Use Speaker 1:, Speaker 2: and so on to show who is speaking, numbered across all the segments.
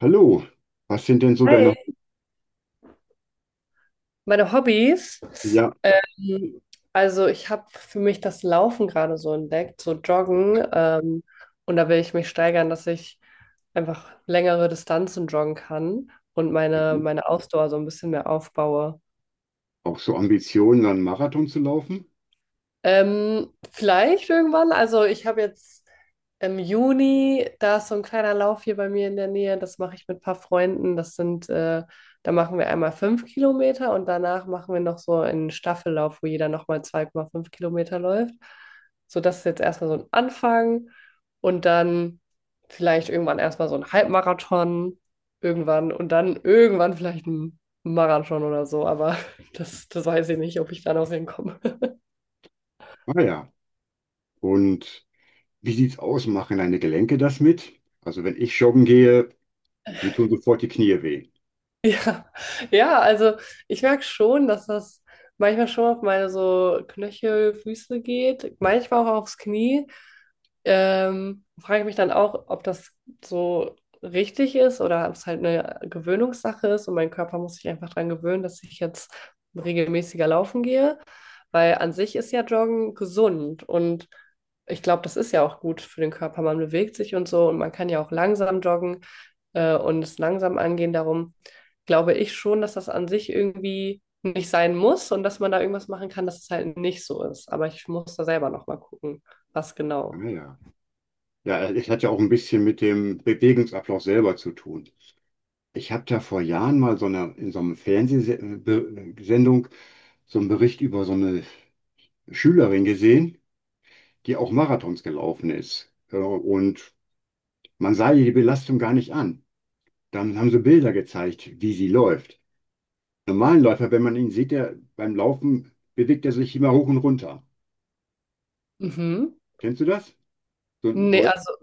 Speaker 1: Hallo, was sind denn so deine,
Speaker 2: Hi. Meine Hobbys.
Speaker 1: ja,
Speaker 2: Ähm, also ich habe für mich das Laufen gerade so entdeckt, so Joggen. Und da will ich mich steigern, dass ich einfach längere Distanzen joggen kann und meine,
Speaker 1: mhm.
Speaker 2: meine Ausdauer so ein bisschen mehr aufbaue.
Speaker 1: Auch so Ambitionen, einen Marathon zu laufen?
Speaker 2: Vielleicht irgendwann. Also ich habe jetzt im Juni, da ist so ein kleiner Lauf hier bei mir in der Nähe. Das mache ich mit ein paar Freunden. Da machen wir einmal 5 km und danach machen wir noch so einen Staffellauf, wo jeder nochmal 2,5 km läuft. So, das ist jetzt erstmal so ein Anfang und dann vielleicht irgendwann erstmal so ein Halbmarathon irgendwann und dann irgendwann vielleicht ein Marathon oder so. Aber das weiß ich nicht, ob ich da noch hinkomme.
Speaker 1: Ah ja, und wie sieht's aus? Machen deine Gelenke das mit? Also wenn ich joggen gehe, mir tun sofort die Knie weh.
Speaker 2: Ja, ja, also ich merke schon, dass das manchmal schon auf meine so Knöchel, Füße geht, manchmal auch aufs Knie. Frage ich mich dann auch, ob das so richtig ist oder ob es halt eine Gewöhnungssache ist und mein Körper muss sich einfach daran gewöhnen, dass ich jetzt regelmäßiger laufen gehe, weil an sich ist ja Joggen gesund und ich glaube, das ist ja auch gut für den Körper. Man bewegt sich und so und man kann ja auch langsam joggen und es langsam angehen. Darum glaube ich schon, dass das an sich irgendwie nicht sein muss und dass man da irgendwas machen kann, dass es halt nicht so ist. Aber ich muss da selber noch mal gucken, was
Speaker 1: Ah
Speaker 2: genau.
Speaker 1: ja, ja, es hat ja auch ein bisschen mit dem Bewegungsablauf selber zu tun. Ich habe da vor Jahren mal so eine, in so einer Fernsehsendung so einen Bericht über so eine Schülerin gesehen, die auch Marathons gelaufen ist. Und man sah ihr die Belastung gar nicht an. Dann haben sie Bilder gezeigt, wie sie läuft. Normalen Läufer, wenn man ihn sieht, der beim Laufen bewegt er sich immer hoch und runter.
Speaker 2: Mhm.
Speaker 1: Kennst du das? So ein
Speaker 2: Nee,
Speaker 1: Läufer.
Speaker 2: also,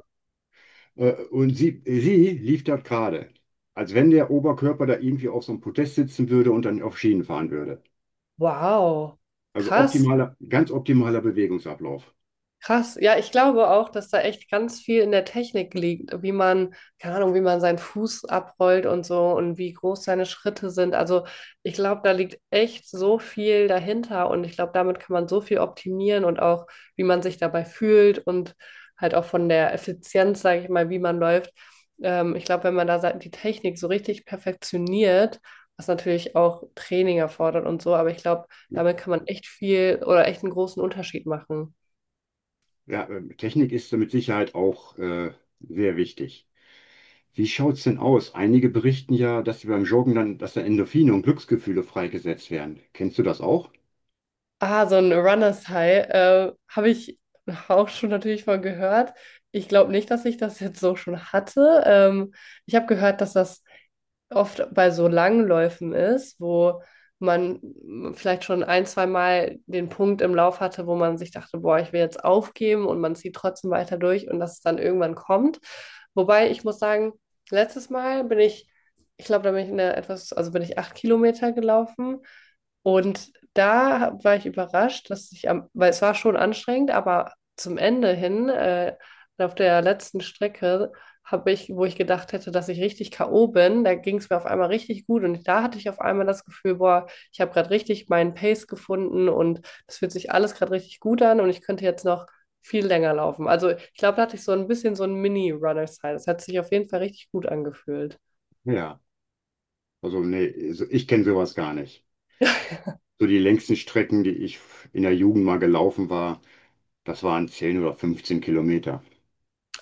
Speaker 1: Und sie lief dort gerade, als wenn der Oberkörper da irgendwie auf so einem Podest sitzen würde und dann auf Schienen fahren würde.
Speaker 2: wow.
Speaker 1: Also
Speaker 2: Krass.
Speaker 1: optimaler, ganz optimaler Bewegungsablauf.
Speaker 2: Krass, ja, ich glaube auch, dass da echt ganz viel in der Technik liegt, wie man, keine Ahnung, wie man seinen Fuß abrollt und so und wie groß seine Schritte sind. Also ich glaube, da liegt echt so viel dahinter und ich glaube, damit kann man so viel optimieren und auch, wie man sich dabei fühlt und halt auch von der Effizienz, sage ich mal, wie man läuft. Ich glaube, wenn man die Technik so richtig perfektioniert, was natürlich auch Training erfordert und so, aber ich glaube,
Speaker 1: Ja,
Speaker 2: damit kann man echt viel oder echt einen großen Unterschied machen.
Speaker 1: ja, Technik ist da mit Sicherheit auch sehr wichtig. Wie schaut's denn aus? Einige berichten ja, dass sie beim Joggen dann, dass da Endorphine und Glücksgefühle freigesetzt werden. Kennst du das auch?
Speaker 2: Ah, so ein Runners High, habe ich auch schon natürlich mal gehört. Ich glaube nicht, dass ich das jetzt so schon hatte. Ich habe gehört, dass das oft bei so langen Läufen ist, wo man vielleicht schon ein, zwei Mal den Punkt im Lauf hatte, wo man sich dachte, boah, ich will jetzt aufgeben und man zieht trotzdem weiter durch und dass es dann irgendwann kommt. Wobei ich muss sagen, letztes Mal bin ich, ich glaube, da bin ich in der etwas, also bin ich 8 km gelaufen und war ich überrascht, weil es war schon anstrengend, aber zum Ende hin, auf der letzten Strecke wo ich gedacht hätte, dass ich richtig K.O. bin, da ging es mir auf einmal richtig gut und da hatte ich auf einmal das Gefühl, boah, ich habe gerade richtig meinen Pace gefunden und es fühlt sich alles gerade richtig gut an und ich könnte jetzt noch viel länger laufen. Also ich glaube, da hatte ich so ein bisschen so ein Mini-Runner-Style. Das hat sich auf jeden Fall richtig gut angefühlt.
Speaker 1: Ja. Also, nee, also ich kenne sowas gar nicht. So die längsten Strecken, die ich in der Jugend mal gelaufen war, das waren 10 oder 15 Kilometer.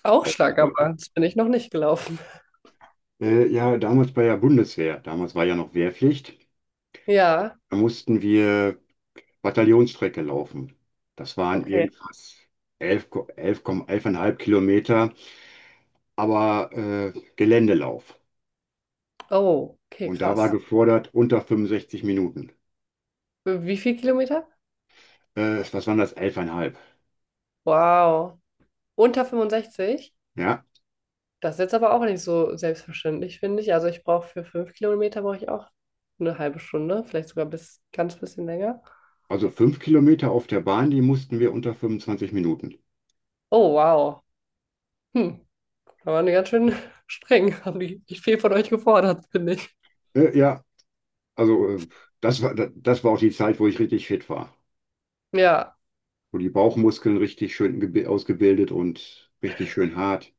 Speaker 2: Auch
Speaker 1: Auch
Speaker 2: stark, aber
Speaker 1: weiter.
Speaker 2: das bin ich noch nicht gelaufen.
Speaker 1: Ja, damals bei der Bundeswehr, damals war ja noch Wehrpflicht,
Speaker 2: Ja,
Speaker 1: da mussten wir Bataillonsstrecke laufen. Das waren
Speaker 2: okay.
Speaker 1: irgendwas 11, Ko- 11, Komma- 11,5 Kilometer, aber Geländelauf.
Speaker 2: Oh, okay,
Speaker 1: Und da war
Speaker 2: krass.
Speaker 1: gefordert unter 65 Minuten.
Speaker 2: Wie viel Kilometer?
Speaker 1: Was waren das? 11,5.
Speaker 2: Wow. Unter 65?
Speaker 1: Ja,
Speaker 2: Das ist jetzt aber auch nicht so selbstverständlich, finde ich. Also ich brauche für fünf Kilometer brauche ich auch eine halbe Stunde, vielleicht sogar bis ganz bisschen länger.
Speaker 1: also 5 Kilometer auf der Bahn, die mussten wir unter 25 Minuten.
Speaker 2: Oh, wow. Hm, da waren die ganz schön streng. Haben die nicht viel von euch gefordert, finde ich.
Speaker 1: Ja, also das war, das war auch die Zeit, wo ich richtig fit war.
Speaker 2: Ja,
Speaker 1: Wo die Bauchmuskeln richtig schön ausgebildet und richtig schön hart.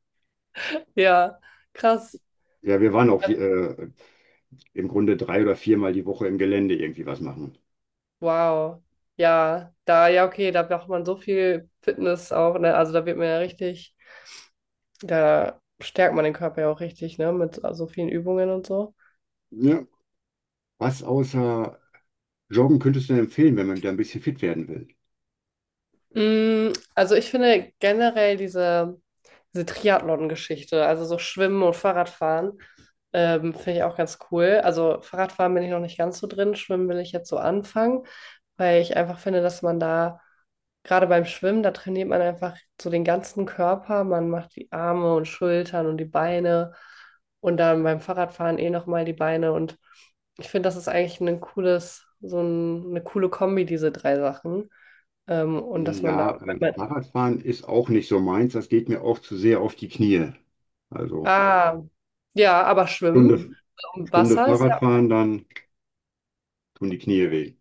Speaker 2: ja, krass.
Speaker 1: Ja, wir waren auch
Speaker 2: Ja,
Speaker 1: im Grunde drei oder viermal die Woche im Gelände irgendwie was machen.
Speaker 2: wow. Ja, da, ja, okay, da braucht man so viel Fitness auch, ne? Also da wird man ja richtig, da stärkt man den Körper ja auch richtig, ne? Mit so vielen Übungen und so.
Speaker 1: Ja. Was außer Joggen könntest du denn empfehlen, wenn man da ein bisschen fit werden will?
Speaker 2: Mm, also ich finde generell diese Triathlon-Geschichte, also so Schwimmen und Fahrradfahren, finde ich auch ganz cool. Also Fahrradfahren bin ich noch nicht ganz so drin, Schwimmen will ich jetzt so anfangen, weil ich einfach finde, dass man da Gerade beim Schwimmen, da trainiert man einfach so den ganzen Körper. Man macht die Arme und Schultern und die Beine und dann beim Fahrradfahren eh nochmal die Beine. Und ich finde, das ist eigentlich eine coole Kombi, diese drei Sachen. Und dass man da,
Speaker 1: Ja,
Speaker 2: wenn man,
Speaker 1: Fahrradfahren ist auch nicht so meins. Das geht mir auch zu sehr auf die Knie. Also
Speaker 2: ah, ja, aber Schwimmen
Speaker 1: Stunde,
Speaker 2: im
Speaker 1: Stunde
Speaker 2: Wasser ist ja,
Speaker 1: Fahrradfahren, dann tun die Knie weh.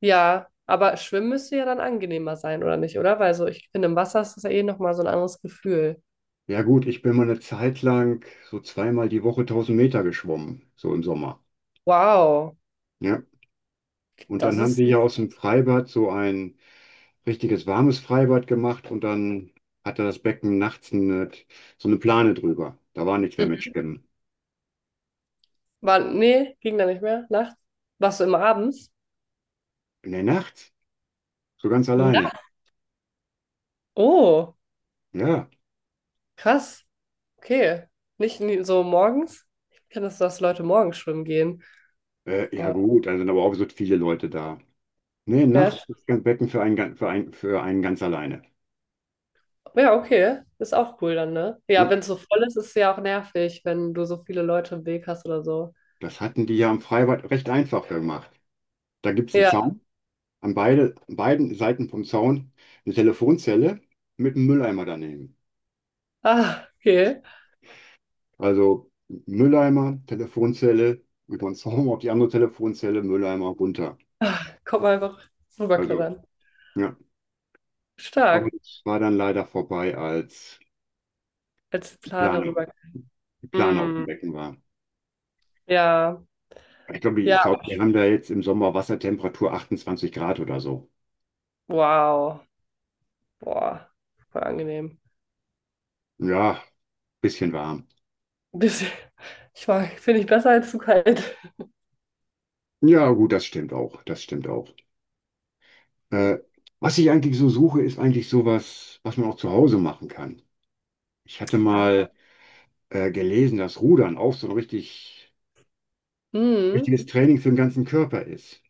Speaker 2: ja, aber Schwimmen müsste ja dann angenehmer sein, oder nicht, oder? Weil so, ich finde, im Wasser ist das ja eh nochmal so ein anderes Gefühl.
Speaker 1: Ja gut, ich bin mal eine Zeit lang so zweimal die Woche 1.000 Meter geschwommen, so im Sommer.
Speaker 2: Wow,
Speaker 1: Ja. Und
Speaker 2: das
Speaker 1: dann haben
Speaker 2: ist.
Speaker 1: sie hier aus dem Freibad so ein richtiges warmes Freibad gemacht und dann hatte das Becken nachts so eine Plane drüber. Da war nichts mehr mit Schwimmen.
Speaker 2: War, nee, ging da nicht mehr. Nachts? Warst du immer abends?
Speaker 1: In der Nacht? So ganz alleine.
Speaker 2: Na, oh,
Speaker 1: Ja.
Speaker 2: krass. Okay. Nicht nie- so morgens? Ich kenne das, dass Leute morgens schwimmen gehen.
Speaker 1: Ja
Speaker 2: Aber,
Speaker 1: gut, dann sind aber auch so viele Leute da. Nee,
Speaker 2: ja,
Speaker 1: nachts
Speaker 2: sch-
Speaker 1: ist das Becken für einen ganz alleine.
Speaker 2: ja, okay. Ist auch cool dann, ne? Ja,
Speaker 1: Ja.
Speaker 2: wenn es so voll ist, ist es ja auch nervig, wenn du so viele Leute im Weg hast oder so.
Speaker 1: Das hatten die ja am Freibad recht einfach gemacht. Da gibt es einen
Speaker 2: Ja.
Speaker 1: Zaun. An beiden Seiten vom Zaun eine Telefonzelle mit einem Mülleimer daneben.
Speaker 2: Ah, okay.
Speaker 1: Also Mülleimer, Telefonzelle, über den Zaun auf die andere Telefonzelle, Mülleimer runter.
Speaker 2: Kommt mal einfach
Speaker 1: Also,
Speaker 2: rüberklettern.
Speaker 1: ja. Aber
Speaker 2: Stark.
Speaker 1: es war dann leider vorbei, als
Speaker 2: Als
Speaker 1: die
Speaker 2: Plane
Speaker 1: Plane,
Speaker 2: rüber.
Speaker 1: die Plane auf dem
Speaker 2: Mm,
Speaker 1: Becken war.
Speaker 2: ja.
Speaker 1: Ich glaube,
Speaker 2: Ja.
Speaker 1: wir haben da jetzt im Sommer Wassertemperatur 28 Grad oder so.
Speaker 2: Wow. Boah. Voll angenehm.
Speaker 1: Ja, bisschen warm.
Speaker 2: Bisschen. Ich war, finde ich besser als zu kalt.
Speaker 1: Ja, gut, das stimmt auch. Das stimmt auch. Äh, Was ich eigentlich so suche, ist eigentlich sowas, was man auch zu Hause machen kann. Ich hatte
Speaker 2: Ah.
Speaker 1: mal gelesen, dass Rudern auch so ein
Speaker 2: Mhm.
Speaker 1: richtiges Training für den ganzen Körper ist.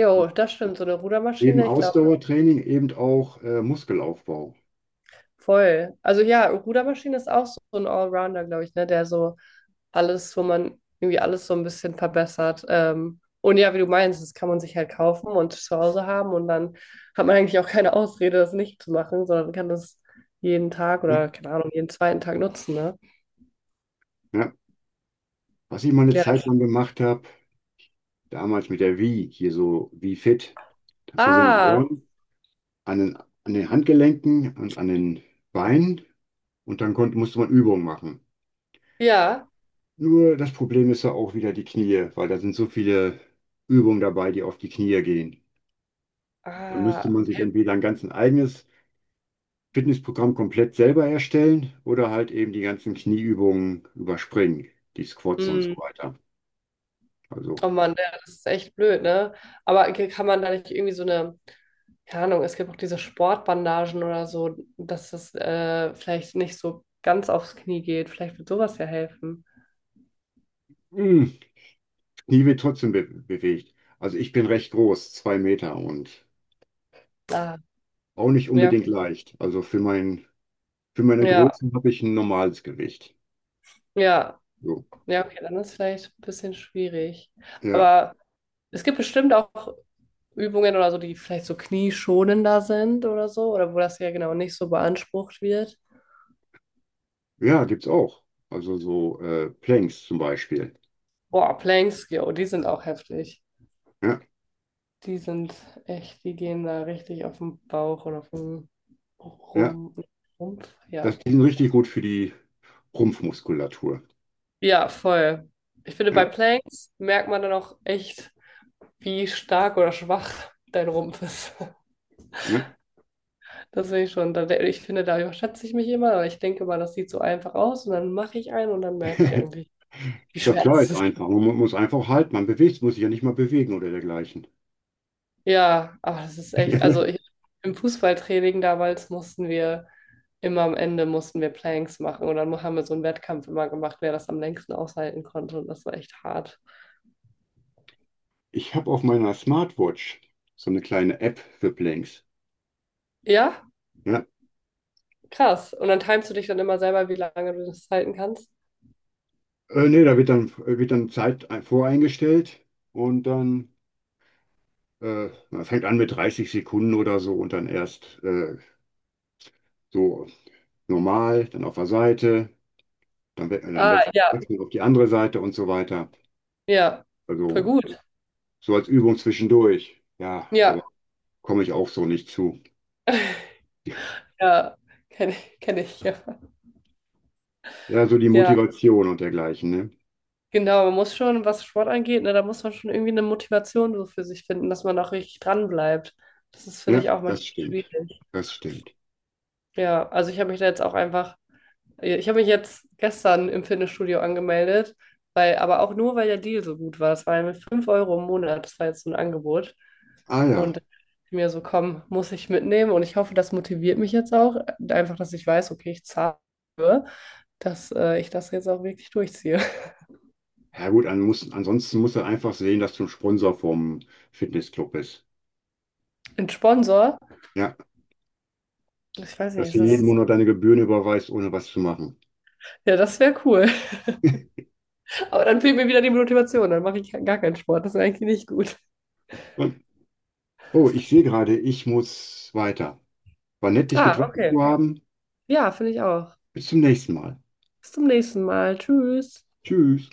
Speaker 2: Jo, das stimmt. So eine
Speaker 1: Eben
Speaker 2: Rudermaschine, ich glaube,
Speaker 1: Ausdauertraining, eben auch Muskelaufbau.
Speaker 2: voll. Also ja, Rudermaschine ist auch so ein Allrounder, glaube ich, ne? Der so alles, wo man irgendwie alles so ein bisschen verbessert. Und ja, wie du meinst, das kann man sich halt kaufen und zu Hause haben und dann hat man eigentlich auch keine Ausrede, das nicht zu machen, sondern kann das jeden Tag
Speaker 1: Ja.
Speaker 2: oder keine Ahnung, jeden zweiten Tag nutzen, ne?
Speaker 1: Ja. Was ich mal eine
Speaker 2: Ja.
Speaker 1: Zeit lang gemacht habe, damals mit der Wii, hier so Wii Fit, das sind
Speaker 2: Ah,
Speaker 1: Sensoren an den, an den Handgelenken und an den Beinen und dann musste man Übungen machen.
Speaker 2: ja.
Speaker 1: Nur das Problem ist ja auch wieder die Knie, weil da sind so viele Übungen dabei, die auf die Knie gehen. Da müsste
Speaker 2: Ah,
Speaker 1: man sich entweder ein ganz eigenes Fitnessprogramm komplett selber erstellen oder halt eben die ganzen Knieübungen überspringen, die Squats und
Speaker 2: hm.
Speaker 1: so weiter. Also,
Speaker 2: Oh Mann, ja, das ist echt blöd, ne? Aber kann man da nicht irgendwie keine Ahnung, es gibt auch diese Sportbandagen oder so, dass das vielleicht nicht so ganz aufs Knie geht. Vielleicht wird sowas ja helfen.
Speaker 1: mh, Knie wird trotzdem be bewegt. Also ich bin recht groß, 2 Meter und
Speaker 2: Ah,
Speaker 1: auch nicht
Speaker 2: ja,
Speaker 1: unbedingt leicht. Also für meine
Speaker 2: ja,
Speaker 1: Größe habe ich ein normales Gewicht.
Speaker 2: ja,
Speaker 1: So.
Speaker 2: ja, okay, dann ist vielleicht ein bisschen schwierig.
Speaker 1: Ja,
Speaker 2: Aber es gibt bestimmt auch Übungen oder so, die vielleicht so knieschonender sind oder so, oder wo das ja genau nicht so beansprucht wird.
Speaker 1: ja, gibt's auch. Also so Planks zum Beispiel.
Speaker 2: Boah, Planks, yo, die sind auch heftig.
Speaker 1: Ja,
Speaker 2: Die sind echt, die gehen da richtig auf den Bauch oder auf den
Speaker 1: ja.
Speaker 2: Rum, Rumpf.
Speaker 1: Das,
Speaker 2: Ja.
Speaker 1: die sind richtig gut für die Rumpfmuskulatur.
Speaker 2: Ja, voll. Ich finde, bei
Speaker 1: Ja,
Speaker 2: Planks merkt man dann auch echt, wie stark oder schwach dein Rumpf ist.
Speaker 1: ja.
Speaker 2: Das finde ich schon. Ich finde, da überschätze ich mich immer, aber ich denke mal, das sieht so einfach aus und dann mache ich einen und dann merke ich eigentlich, wie
Speaker 1: Ja,
Speaker 2: schwer
Speaker 1: klar
Speaker 2: das
Speaker 1: ist
Speaker 2: ist.
Speaker 1: einfach. Man muss einfach halten. Muss sich ja nicht mal bewegen oder dergleichen.
Speaker 2: Ja, ach, das ist echt, also ich, im Fußballtraining damals mussten wir immer am Ende mussten wir Planks machen und dann haben wir so einen Wettkampf immer gemacht, wer das am längsten aushalten konnte und das war echt hart.
Speaker 1: Ich habe auf meiner Smartwatch so eine kleine App für Blanks.
Speaker 2: Ja,
Speaker 1: Ja.
Speaker 2: krass. Und dann timest du dich dann immer selber, wie lange du das halten kannst.
Speaker 1: Nee, da wird dann, Zeit voreingestellt und dann man fängt an mit 30 Sekunden oder so und dann erst so normal, dann auf der Seite, dann, we dann
Speaker 2: Ah, ja,
Speaker 1: wechselt auf die andere Seite und so weiter.
Speaker 2: ja, voll
Speaker 1: Also
Speaker 2: gut.
Speaker 1: so als Übung zwischendurch. Ja, aber
Speaker 2: Ja,
Speaker 1: komme ich auch so nicht zu.
Speaker 2: ja, kenne ich, ja.
Speaker 1: Ja, so die
Speaker 2: Ja,
Speaker 1: Motivation und dergleichen, ne?
Speaker 2: genau, man muss schon, was Sport angeht, ne, da muss man schon irgendwie eine Motivation so für sich finden, dass man auch richtig dran bleibt. Das ist, finde
Speaker 1: Ja,
Speaker 2: ich, auch manchmal
Speaker 1: das stimmt.
Speaker 2: schwierig.
Speaker 1: Das stimmt.
Speaker 2: Ja, also ich habe mich da jetzt auch einfach, Ich habe mich jetzt gestern im Fitnessstudio angemeldet, weil, aber auch nur, weil der Deal so gut war. Das war mit 5 Euro im Monat, das war jetzt so ein Angebot.
Speaker 1: Ah ja.
Speaker 2: Und ich mir so, komm, muss ich mitnehmen. Und ich hoffe, das motiviert mich jetzt auch, einfach, dass ich weiß, okay, ich zahle, dass ich das jetzt auch wirklich durchziehe.
Speaker 1: Ja gut, ansonsten musst du einfach sehen, dass du ein Sponsor vom Fitnessclub bist.
Speaker 2: Ein Sponsor,
Speaker 1: Ja,
Speaker 2: ich weiß
Speaker 1: dass
Speaker 2: nicht,
Speaker 1: du
Speaker 2: ist
Speaker 1: jeden
Speaker 2: das,
Speaker 1: Monat deine Gebühren überweist, ohne was zu machen.
Speaker 2: ja, das wäre cool. Aber dann fehlt mir wieder die Motivation, dann mache ich gar keinen Sport. Das ist eigentlich nicht gut.
Speaker 1: Und, oh, ich sehe gerade, ich muss weiter. War nett, dich
Speaker 2: Ah,
Speaker 1: getroffen
Speaker 2: okay.
Speaker 1: zu haben.
Speaker 2: Ja, finde ich auch.
Speaker 1: Bis zum nächsten Mal.
Speaker 2: Bis zum nächsten Mal. Tschüss.
Speaker 1: Tschüss.